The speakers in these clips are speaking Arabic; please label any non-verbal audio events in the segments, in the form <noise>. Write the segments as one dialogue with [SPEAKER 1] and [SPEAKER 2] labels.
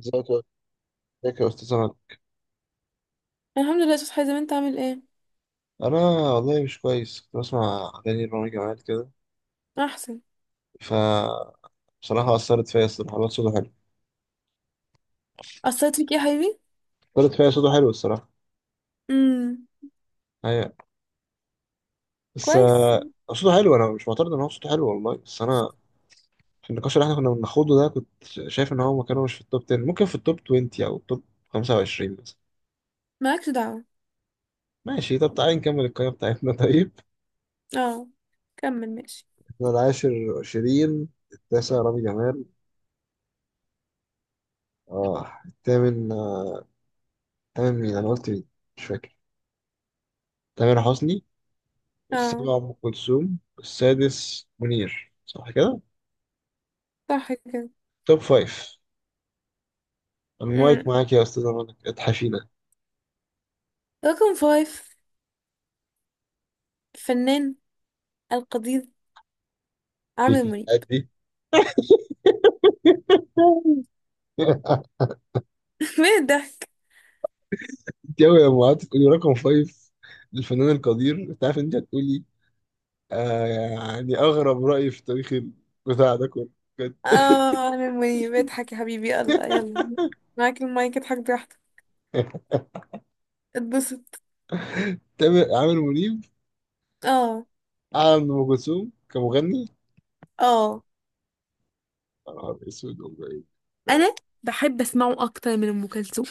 [SPEAKER 1] ازيك يا ازيك يا استاذ عماد.
[SPEAKER 2] الحمد لله يا استاذ حازم، انت عامل ايه؟
[SPEAKER 1] انا والله مش كويس، كنت بسمع اغاني رامي جمال كده.
[SPEAKER 2] احسن.
[SPEAKER 1] ف بصراحه اثرت فيا الصراحه، الواد صوته حلو.
[SPEAKER 2] قصيت فيك ايه يا حبيبي؟
[SPEAKER 1] اثرت فيا صوته حلو الصراحه.
[SPEAKER 2] امم.
[SPEAKER 1] هي بس
[SPEAKER 2] كويس.
[SPEAKER 1] آه، صوته حلو، انا مش معترض ان هو صوته حلو والله، بس انا في النقاش اللي احنا كنا بناخده ده كنت شايف ان هو مكانه مش في التوب 10، ممكن في التوب 20 او التوب 25 مثلا.
[SPEAKER 2] مالكش دعوه.
[SPEAKER 1] ماشي، طب تعالى نكمل القائمه بتاعتنا. <laughs> طيب.
[SPEAKER 2] اه، كمل ماشي.
[SPEAKER 1] احنا العاشر شيرين، التاسع رامي جمال، اه الثامن الثامن مين؟ انا قلت مين؟ مش فاكر. تامر حسني.
[SPEAKER 2] اه،
[SPEAKER 1] السابع أم كلثوم، السادس منير، صح كده؟
[SPEAKER 2] صح كده.
[SPEAKER 1] توب فايف. المايك
[SPEAKER 2] امم
[SPEAKER 1] معاك يا أستاذ منى، اتحفينا.
[SPEAKER 2] رقم فايف الفنان القدير عامر منيب.
[SPEAKER 1] دي <laughs>
[SPEAKER 2] <laughs> مين الضحك؟
[SPEAKER 1] انت أوي لما قعدت تقولي رقم فايف للفنان القدير، انت عارف ان انت هتقولي يعني أغرب رأي في تاريخ البتاع ده كله. بجد. <laughs>
[SPEAKER 2] اه، عامر منيب. اضحك يا حبيبي، يلا يلا، معاك المايك، اضحك براحتك، اتبسط.
[SPEAKER 1] عامر منيب
[SPEAKER 2] اه.
[SPEAKER 1] أعلى من أم كلثوم كمغني؟
[SPEAKER 2] اه،
[SPEAKER 1] يا نهار أسود، والله إيه.
[SPEAKER 2] انا بحب اسمعه اكتر من ام كلثوم.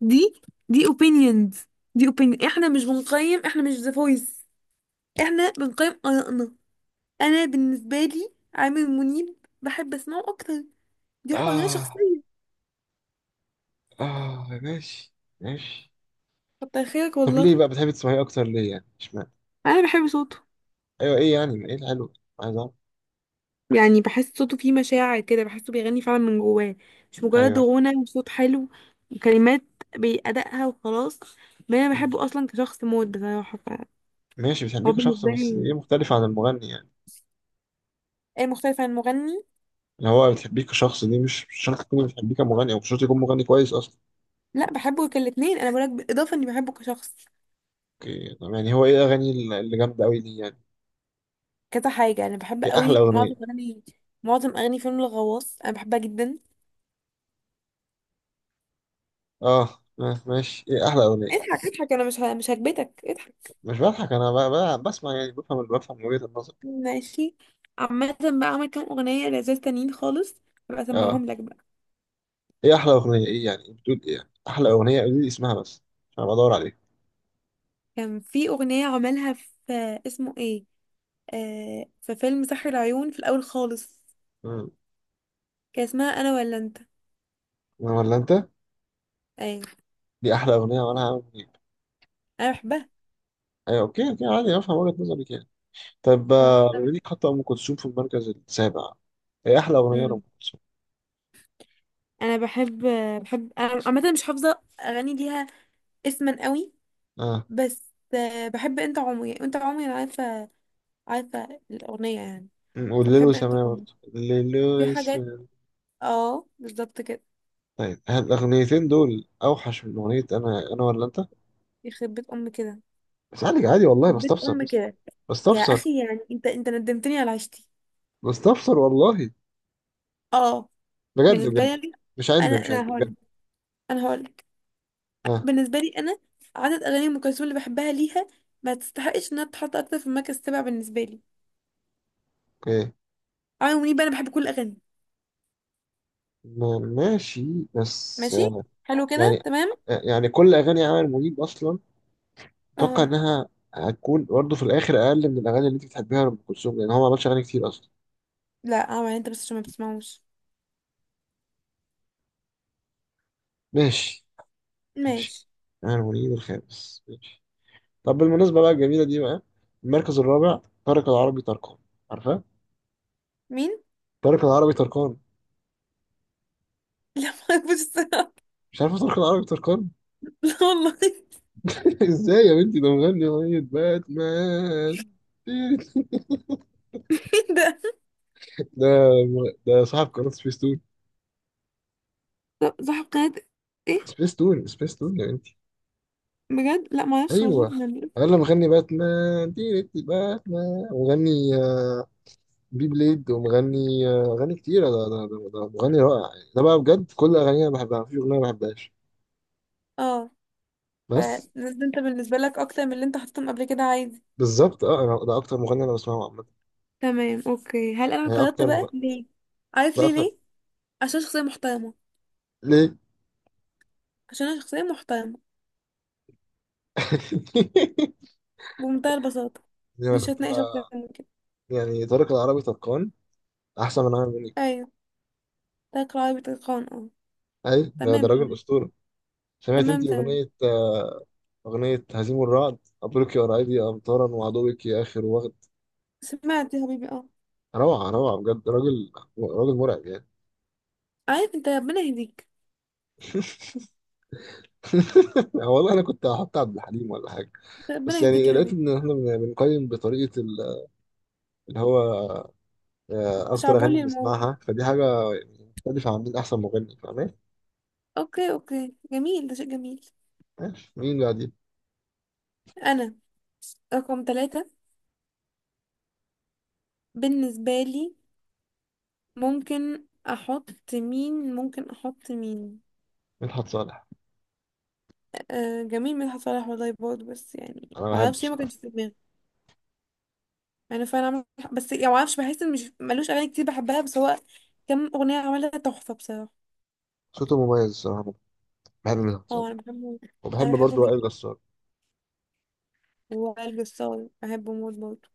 [SPEAKER 2] دي دي opinions. دي opinion، احنا مش بنقيم، احنا مش ذا فويس، احنا بنقيم آرائنا. انا بالنسبة لي عامر منيب بحب اسمعه اكتر. دي حرية
[SPEAKER 1] آه
[SPEAKER 2] شخصية.
[SPEAKER 1] آه، ماشي ماشي.
[SPEAKER 2] كتر خيرك
[SPEAKER 1] طب
[SPEAKER 2] والله.
[SPEAKER 1] ليه بقى بتحب تسمعيه أكتر، ليه يعني؟ اشمعنى؟
[SPEAKER 2] انا بحب صوته.
[SPEAKER 1] ايوه، ايه يعني، ايه الحلو، عايز اعرف.
[SPEAKER 2] يعني بحس صوته فيه مشاعر كده، بحسه بيغني فعلا من جواه، مش مجرد
[SPEAKER 1] ايوه.
[SPEAKER 2] غنى وصوت حلو وكلمات بأدائها وخلاص. ما انا
[SPEAKER 1] مم.
[SPEAKER 2] بحبه اصلا كشخص موت بصراحة.
[SPEAKER 1] ماشي، بتحبيه
[SPEAKER 2] فهو
[SPEAKER 1] كشخص،
[SPEAKER 2] بالنسبة
[SPEAKER 1] بس دي
[SPEAKER 2] لي
[SPEAKER 1] مختلفة عن المغني يعني،
[SPEAKER 2] ايه مختلف عن المغني؟
[SPEAKER 1] اللي هو بتحبيه كشخص دي مش شرط تكون بتحبيه كمغني، او مش شرط يكون مغني كويس اصلا.
[SPEAKER 2] لا، بحبه كالاتنين، انا بقولك بالاضافة اني بحبه كشخص.
[SPEAKER 1] اوكي، طب يعني هو ايه الاغاني اللي جامدة قوي دي يعني؟
[SPEAKER 2] كذا حاجة، انا بحب
[SPEAKER 1] ايه احلى
[SPEAKER 2] قوي
[SPEAKER 1] اغنية؟
[SPEAKER 2] معظم اغاني فيلم الغواص انا بحبها جدا.
[SPEAKER 1] اه، ماشي، ايه احلى اغنية؟
[SPEAKER 2] اضحك اضحك، انا مش هكبتك، اضحك.
[SPEAKER 1] مش بضحك، انا بسمع يعني، بفهم من وجهة النظر.
[SPEAKER 2] ماشي. عامة بقى عمل كام اغنية لذيذ تانيين خالص، هبقى
[SPEAKER 1] اه،
[SPEAKER 2] اسمعهم لك بقى.
[SPEAKER 1] ايه احلى اغنية؟ ايه يعني، إيه بتقول، ايه يعني احلى اغنية، قولي لي اسمها بس عشان بدور عليها.
[SPEAKER 2] كان في اغنية عملها في، اسمه ايه؟ في فيلم سحر العيون في الاول خالص.
[SPEAKER 1] مم.
[SPEAKER 2] كان اسمها انا ولا انت.
[SPEAKER 1] ولا انت؟
[SPEAKER 2] ايوه،
[SPEAKER 1] دي احلى اغنية، وانا هعمل ايه؟
[SPEAKER 2] انا بحبها.
[SPEAKER 1] ايوه، اوكي اوكي، عادي افهم وجهة نظرك يعني. طب
[SPEAKER 2] اه، انا
[SPEAKER 1] بما
[SPEAKER 2] بحب.
[SPEAKER 1] انك حاطه ام كلثوم في المركز السابع، ايه احلى اغنيه لام
[SPEAKER 2] مم.
[SPEAKER 1] كلثوم؟
[SPEAKER 2] انا بحب بحب انا عامة مش حافظة اغاني ليها اسما قوي.
[SPEAKER 1] اه.
[SPEAKER 2] بس بحب انت عمري، انت عمري انا عارفة الاغنية يعني.
[SPEAKER 1] والليل
[SPEAKER 2] فبحب انت
[SPEAKER 1] وسماه،
[SPEAKER 2] عمري.
[SPEAKER 1] برضه الليل
[SPEAKER 2] في حاجات.
[SPEAKER 1] وسماه.
[SPEAKER 2] اه بالظبط كده.
[SPEAKER 1] طيب، هل الاغنيتين دول اوحش من اغنيه انا ولا انت؟
[SPEAKER 2] يخرب بيت ام كده.
[SPEAKER 1] اسالك عادي والله،
[SPEAKER 2] حبيت
[SPEAKER 1] بستفسر
[SPEAKER 2] ام
[SPEAKER 1] بس.
[SPEAKER 2] كده. يا
[SPEAKER 1] بستفسر.
[SPEAKER 2] اخي، يعني انت ندمتني على عيشتي.
[SPEAKER 1] بستفسر والله،
[SPEAKER 2] اه،
[SPEAKER 1] بجد
[SPEAKER 2] بالنسبه
[SPEAKER 1] بجد.
[SPEAKER 2] لي.
[SPEAKER 1] مش
[SPEAKER 2] انا
[SPEAKER 1] عند
[SPEAKER 2] انا
[SPEAKER 1] مش عند
[SPEAKER 2] انا هقول.
[SPEAKER 1] بجد.
[SPEAKER 2] انا هقول
[SPEAKER 1] اه،
[SPEAKER 2] بالنسبه لي انا عدد اغاني ام كلثوم اللي بحبها ليها ما تستحقش انها تتحط اكتر في المركز السابع بالنسبه لي.
[SPEAKER 1] اوكي،
[SPEAKER 2] عمرو منيب بقى انا بحب كل الاغاني.
[SPEAKER 1] ماشي. بس
[SPEAKER 2] ماشي،
[SPEAKER 1] آه،
[SPEAKER 2] حلو كده
[SPEAKER 1] يعني
[SPEAKER 2] تمام.
[SPEAKER 1] يعني كل اغاني عامر منيب اصلا اتوقع
[SPEAKER 2] اه،
[SPEAKER 1] انها هتكون برضه في الاخر اقل من الاغاني اللي انت بتحبيها لام كلثوم، لان هو ما عملش اغاني كتير اصلا.
[SPEAKER 2] لا، عمرو انت بس عشان ما بتسمعوش.
[SPEAKER 1] ماشي ماشي.
[SPEAKER 2] ماشي.
[SPEAKER 1] أنا المريد الخامس، ماشي. طب بالمناسبة بقى، الجميلة دي بقى، المركز الرابع طارق العربي طرقان. عارفة؟
[SPEAKER 2] مين؟ <laughs>
[SPEAKER 1] طارق العربي طرقان.
[SPEAKER 2] لا، ما اعرفش الصراحه.
[SPEAKER 1] مش عارفة طارق العربي طرقان؟
[SPEAKER 2] لا والله. <laughs>
[SPEAKER 1] <laughs> ازاي يا بنتي، ده مغني أغنية باتمان. <laughs>
[SPEAKER 2] مين ده؟
[SPEAKER 1] ده ده صاحب قناة سبيس تون.
[SPEAKER 2] صاحب قناه ايه؟
[SPEAKER 1] سبيس تون، سبيس تون يا بنتي.
[SPEAKER 2] بجد لا، ما اعرفش
[SPEAKER 1] أيوه.
[SPEAKER 2] والله، <laughs> يعني.
[SPEAKER 1] أنا مغني باتمان، تيرت باتمان، ومغني بي بليد، ومغني أغاني كتيرة. ده مغني رائع يعني. ده بقى بجد، كل أغانيه أنا بحبها، مفيش أغنية ما بحبهاش.
[SPEAKER 2] اه. فده
[SPEAKER 1] بس
[SPEAKER 2] انت بالنسبة لك اكتر من اللي انت حطيتهم قبل كده، عادي.
[SPEAKER 1] بالظبط، اه انا ده اكتر مغني انا بسمعه عامه.
[SPEAKER 2] تمام اوكي. هل انا
[SPEAKER 1] يعني
[SPEAKER 2] اعترضت
[SPEAKER 1] اكتر
[SPEAKER 2] بقى
[SPEAKER 1] مغني.
[SPEAKER 2] ليه؟ عارف
[SPEAKER 1] ده
[SPEAKER 2] ليه؟
[SPEAKER 1] اكتر.
[SPEAKER 2] ليه؟ عشان شخصية محترمة.
[SPEAKER 1] ليه؟
[SPEAKER 2] عشان انا شخصية محترمة
[SPEAKER 1] <laughs>
[SPEAKER 2] بمنتهى البساطة.
[SPEAKER 1] يعني انا
[SPEAKER 2] مش
[SPEAKER 1] كنت
[SPEAKER 2] هتناقش اكتر
[SPEAKER 1] بقى.
[SPEAKER 2] من كده.
[SPEAKER 1] يعني طارق العربي طرقان احسن من عامر منيب.
[SPEAKER 2] ايوه. تلقى عربي تلقان، اه.
[SPEAKER 1] اي ده، ده
[SPEAKER 2] تمام
[SPEAKER 1] راجل
[SPEAKER 2] تمام.
[SPEAKER 1] اسطوره. سمعت انت
[SPEAKER 2] تمام تمام.
[SPEAKER 1] اغنيه هزيم الرعد، مبروك يا قرايبي امطارا، وعدوك يا اخر وغد؟
[SPEAKER 2] سمعت يا حبيبي، اه.
[SPEAKER 1] روعه روعه بجد، راجل مرعب يعني.
[SPEAKER 2] عارف انت، ربنا يهديك.
[SPEAKER 1] <laughs> والله انا كنت هحط عبد الحليم ولا حاجه،
[SPEAKER 2] ربنا
[SPEAKER 1] بس
[SPEAKER 2] يهديك
[SPEAKER 1] يعني
[SPEAKER 2] يا
[SPEAKER 1] لقيت
[SPEAKER 2] حبيبي.
[SPEAKER 1] ان احنا بنقيم بطريقه اللي هو اكتر اغاني
[SPEAKER 2] شعبولي الموضوع.
[SPEAKER 1] بنسمعها، فدي حاجه مختلفه عن مين احسن مغني، فاهم؟
[SPEAKER 2] اوكي اوكي، جميل، ده شيء جميل.
[SPEAKER 1] ماشي، مين بقى دي؟
[SPEAKER 2] انا رقم ثلاثة بالنسبة لي ممكن احط مين؟ ممكن احط مين؟
[SPEAKER 1] مدحت صالح.
[SPEAKER 2] آه جميل، مدحت صالح والله برضه، بس يعني
[SPEAKER 1] انا
[SPEAKER 2] ما
[SPEAKER 1] بحبه
[SPEAKER 2] اعرفش ليه ما
[SPEAKER 1] الصراحه،
[SPEAKER 2] كانش في دماغي. انا فعلا بس يعني ما اعرفش، بحس ان مش، ملوش اغاني كتير بحبها، بس هو كم اغنيه عملها تحفه بصراحه.
[SPEAKER 1] صوته مميز الصراحه. بحب مدحت صالح،
[SPEAKER 2] اه، انا بحبه.
[SPEAKER 1] وبحب
[SPEAKER 2] انا بحبه
[SPEAKER 1] برضه وائل
[SPEAKER 2] جدا.
[SPEAKER 1] جسار.
[SPEAKER 2] وائل جسار بحبه موت برضه.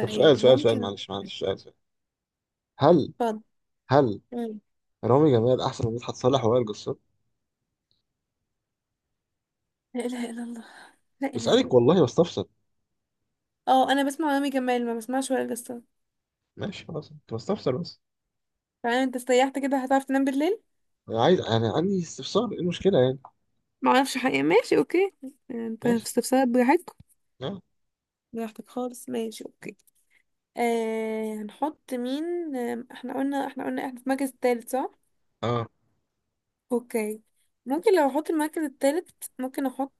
[SPEAKER 1] طب سؤال سؤال سؤال،
[SPEAKER 2] ممكن.
[SPEAKER 1] معلش، سؤال. هل
[SPEAKER 2] اتفضل.
[SPEAKER 1] هل
[SPEAKER 2] مم.
[SPEAKER 1] رامي جمال احسن من مدحت صالح ووائل جسار؟
[SPEAKER 2] لا اله الا الله. لا اله الا
[SPEAKER 1] بسالك
[SPEAKER 2] الله.
[SPEAKER 1] والله، بستفسر.
[SPEAKER 2] اه، انا بسمع رامي جمال ما بسمعش وائل جسار.
[SPEAKER 1] ماشي، خلاص، انت بستفسر بس.
[SPEAKER 2] فعلا انت استريحت كده، هتعرف تنام بالليل.
[SPEAKER 1] انا عندي استفسار، ايه المشكله يعني؟
[SPEAKER 2] ما اعرفش حقيقة. ماشي اوكي. انت في
[SPEAKER 1] ماشي.
[SPEAKER 2] استفسارات براحتك،
[SPEAKER 1] اه.
[SPEAKER 2] براحتك خالص. ماشي اوكي. هنحط مين؟ احنا قلنا، احنا في المركز التالت صح؟
[SPEAKER 1] اه.
[SPEAKER 2] اوكي. ممكن لو احط المركز التالت، ممكن احط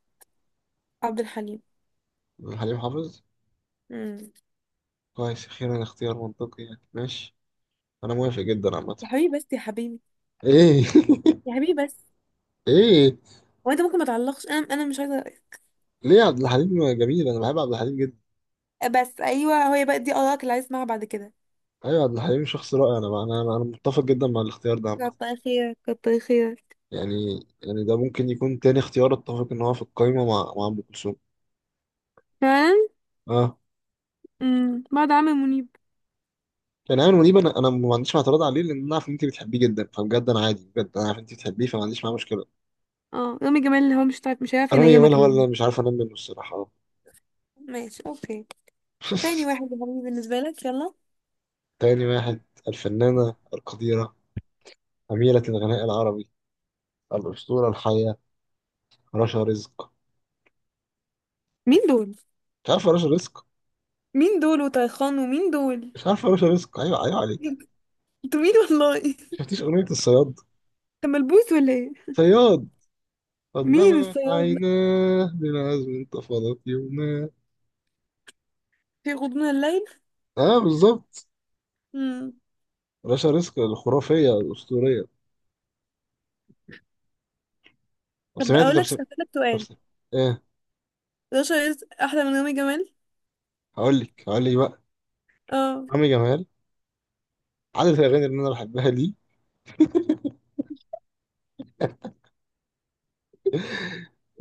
[SPEAKER 2] عبد الحليم.
[SPEAKER 1] حليم حافظ.
[SPEAKER 2] مم.
[SPEAKER 1] كويس، اخيرا اختيار منطقي يعني، ماشي، انا موافق جدا عامه.
[SPEAKER 2] يا حبيبي بس، يا حبيبي،
[SPEAKER 1] ايه؟
[SPEAKER 2] يا حبيبي بس،
[SPEAKER 1] <laughs> ايه؟
[SPEAKER 2] هو انت ممكن ما تعلقش، انا مش عايزه.
[SPEAKER 1] ليه؟ عبد الحليم جميل، انا بحب عبد الحليم جدا.
[SPEAKER 2] بس ايوه، هو بقى دي ارائك اللي عايز اسمعها بعد كده.
[SPEAKER 1] ايوه، عبد الحليم شخص رائع. انا بقى انا انا أنا متفق جدا مع الاختيار ده عامه.
[SPEAKER 2] كتر خيرك كتر خيرك.
[SPEAKER 1] يعني ده ممكن يكون تاني اختيار اتفق ان هو في القايمه مع ام كلثوم.
[SPEAKER 2] فعلا.
[SPEAKER 1] اه،
[SPEAKER 2] بعد عامر منيب.
[SPEAKER 1] يعني ايمن منيب، انا ما عنديش اعتراض عليه، لان انا عارف ان انت بتحبيه جدا، فبجد انا عادي بجد، انا عارف ان انت بتحبيه، فما عنديش معاه مشكله.
[SPEAKER 2] اه، رامي جمال اللي هو مش هيعرف
[SPEAKER 1] رامي جمال
[SPEAKER 2] ينيمك
[SPEAKER 1] هو اللي
[SPEAKER 2] النهارده.
[SPEAKER 1] انا مش عارف انام منه الصراحه.
[SPEAKER 2] ماشي اوكي. تاني واحد
[SPEAKER 1] <laughs>
[SPEAKER 2] يا حبيبي بالنسبه لك، يلا.
[SPEAKER 1] تاني واحد. الفنانه القديره، أميرة الغناء العربي، الأسطورة الحية، رشا رزق.
[SPEAKER 2] مين دول؟
[SPEAKER 1] مش عارف رشا رزق؟
[SPEAKER 2] مين دول وطيخان ومين دول؟
[SPEAKER 1] مش عارف رشا رزق؟ أيوة أيوة عليك.
[SPEAKER 2] انتوا مين والله. <laughs>
[SPEAKER 1] شفتيش أغنية الصياد؟
[SPEAKER 2] ده ملبوس ولا ايه؟
[SPEAKER 1] صياد
[SPEAKER 2] مين
[SPEAKER 1] أظلم
[SPEAKER 2] الصياد
[SPEAKER 1] عيناه بالعزم انتفضت يوماه.
[SPEAKER 2] في غضون الليل؟
[SPEAKER 1] اه بالظبط.
[SPEAKER 2] امم.
[SPEAKER 1] رشا رزق الخرافية الأسطورية. طب
[SPEAKER 2] طب
[SPEAKER 1] سمعتي
[SPEAKER 2] اقول
[SPEAKER 1] طب
[SPEAKER 2] لك،
[SPEAKER 1] سمعتي
[SPEAKER 2] اسالك
[SPEAKER 1] طب
[SPEAKER 2] سؤال،
[SPEAKER 1] سمعتي؟ ايه.
[SPEAKER 2] 11 احلى من يوم جمال؟
[SPEAKER 1] هقول لك بقى.
[SPEAKER 2] اه.
[SPEAKER 1] عمرو جمال، عدد الأغاني اللي أنا بحبها ليه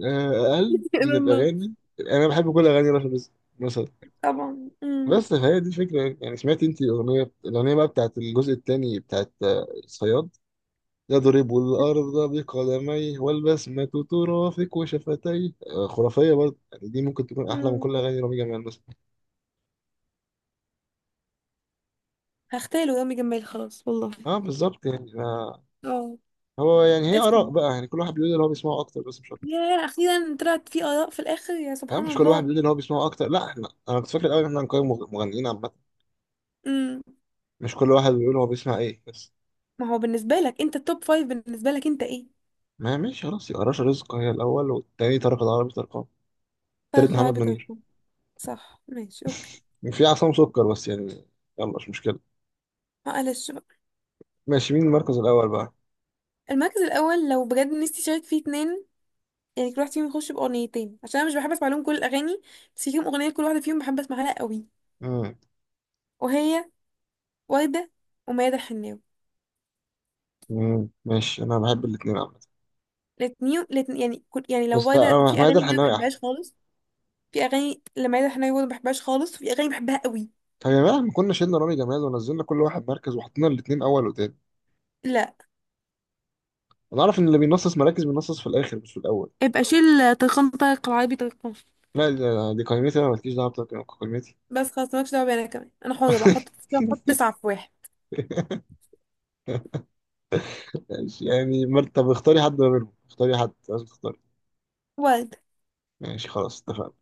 [SPEAKER 1] أقل
[SPEAKER 2] <laughs>
[SPEAKER 1] من
[SPEAKER 2] الى الله.
[SPEAKER 1] الأغاني، يعني أنا بحب كل أغاني رشا رزق مثلا.
[SPEAKER 2] طبعا.
[SPEAKER 1] بس فهي دي الفكرة يعني. سمعتي أنت الأغنية بقى بتاعت الجزء التاني بتاعت الصياد؟ يضرب الأرض بقدميه والبسمة ترافق وشفتيه، خرافية برضه يعني. دي ممكن تكون أحلى من
[SPEAKER 2] امم
[SPEAKER 1] كل أغاني رامي جمال مثلا.
[SPEAKER 2] هختاله يوم جمال خلاص والله.
[SPEAKER 1] اه بالظبط يعني.
[SPEAKER 2] اه.
[SPEAKER 1] يعني هي
[SPEAKER 2] اسكت
[SPEAKER 1] آراء
[SPEAKER 2] بقى،
[SPEAKER 1] بقى، يعني كل واحد بيقول اللي هو بيسمعه أكتر، بس مش أكتر
[SPEAKER 2] يا، اخيرا طلعت في اراء في الاخر، يا
[SPEAKER 1] يعني.
[SPEAKER 2] سبحان
[SPEAKER 1] مش كل واحد
[SPEAKER 2] الله.
[SPEAKER 1] بيقول اللي هو بيسمعه أكتر، لا أنا كنت فاكر الأول إن احنا هنقيم مغنيين عامة،
[SPEAKER 2] امم.
[SPEAKER 1] مش كل واحد بيقول هو بيسمع إيه بس.
[SPEAKER 2] ما هو بالنسبه لك انت، التوب فايف بالنسبه لك انت ايه؟
[SPEAKER 1] ما هي ماشي، خلاص يبقى رشا رزق هي الأول، والتاني طارق العربي طرقان، التالت
[SPEAKER 2] فرق
[SPEAKER 1] محمد
[SPEAKER 2] عربي
[SPEAKER 1] منير.
[SPEAKER 2] تركم. صح، ماشي، اوكي.
[SPEAKER 1] في عصام سكر بس يعني، يلا مش مشكلة.
[SPEAKER 2] معلش بقى.
[SPEAKER 1] ماشي، مين المركز الأول بقى؟
[SPEAKER 2] المركز الاول لو بجد نفسي اشارك فيه اتنين، يعني كل واحد فيهم يخش بأغنيتين عشان أنا مش بحب أسمع لهم كل الأغاني، بس فيهم أغنية كل واحدة فيهم بحب أسمع لها قوي.
[SPEAKER 1] مم.
[SPEAKER 2] وهي وردة وميادة الحناوي.
[SPEAKER 1] مم. ماشي، أنا بحب الاتنين عامة.
[SPEAKER 2] الاتنين الاتنين، يعني كل يعني لو
[SPEAKER 1] بس
[SPEAKER 2] وردة
[SPEAKER 1] آه،
[SPEAKER 2] في
[SPEAKER 1] ميادة
[SPEAKER 2] أغاني كده ما
[SPEAKER 1] الحناوي احلى.
[SPEAKER 2] بحبهاش خالص. في أغاني لميادة الحناوي برضه ما بحبهاش خالص وفي أغاني بحبها قوي.
[SPEAKER 1] طب يا جماعه، ما كنا شلنا رامي جمال ونزلنا كل واحد مركز وحطينا الاثنين اول وتاني؟
[SPEAKER 2] لا.
[SPEAKER 1] انا اعرف ان اللي بينصص مراكز بينصص في الاخر، مش في الاول.
[SPEAKER 2] يبقى شيل طرق العربي طرقان.
[SPEAKER 1] لا، دي قيمتي، انا مالكيش دعوه بتاعتك. قيمتي.
[SPEAKER 2] بس خلاص، مالكش دعوة بيا، أنا كمان أنا حرة بقى أحط
[SPEAKER 1] <laughs>
[SPEAKER 2] أحط تسعة في واحد.
[SPEAKER 1] ماشي يعني، طب اختاري حد ما بينهم، اختاري حد، لازم تختاري.
[SPEAKER 2] وردة.
[SPEAKER 1] ماشي، خلاص اتفقنا.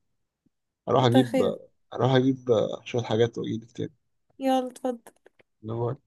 [SPEAKER 1] هروح
[SPEAKER 2] كتر
[SPEAKER 1] اجيب
[SPEAKER 2] خير.
[SPEAKER 1] هروح اجيب شويه حاجات واجيلك
[SPEAKER 2] يلا اتفضل.
[SPEAKER 1] تاني.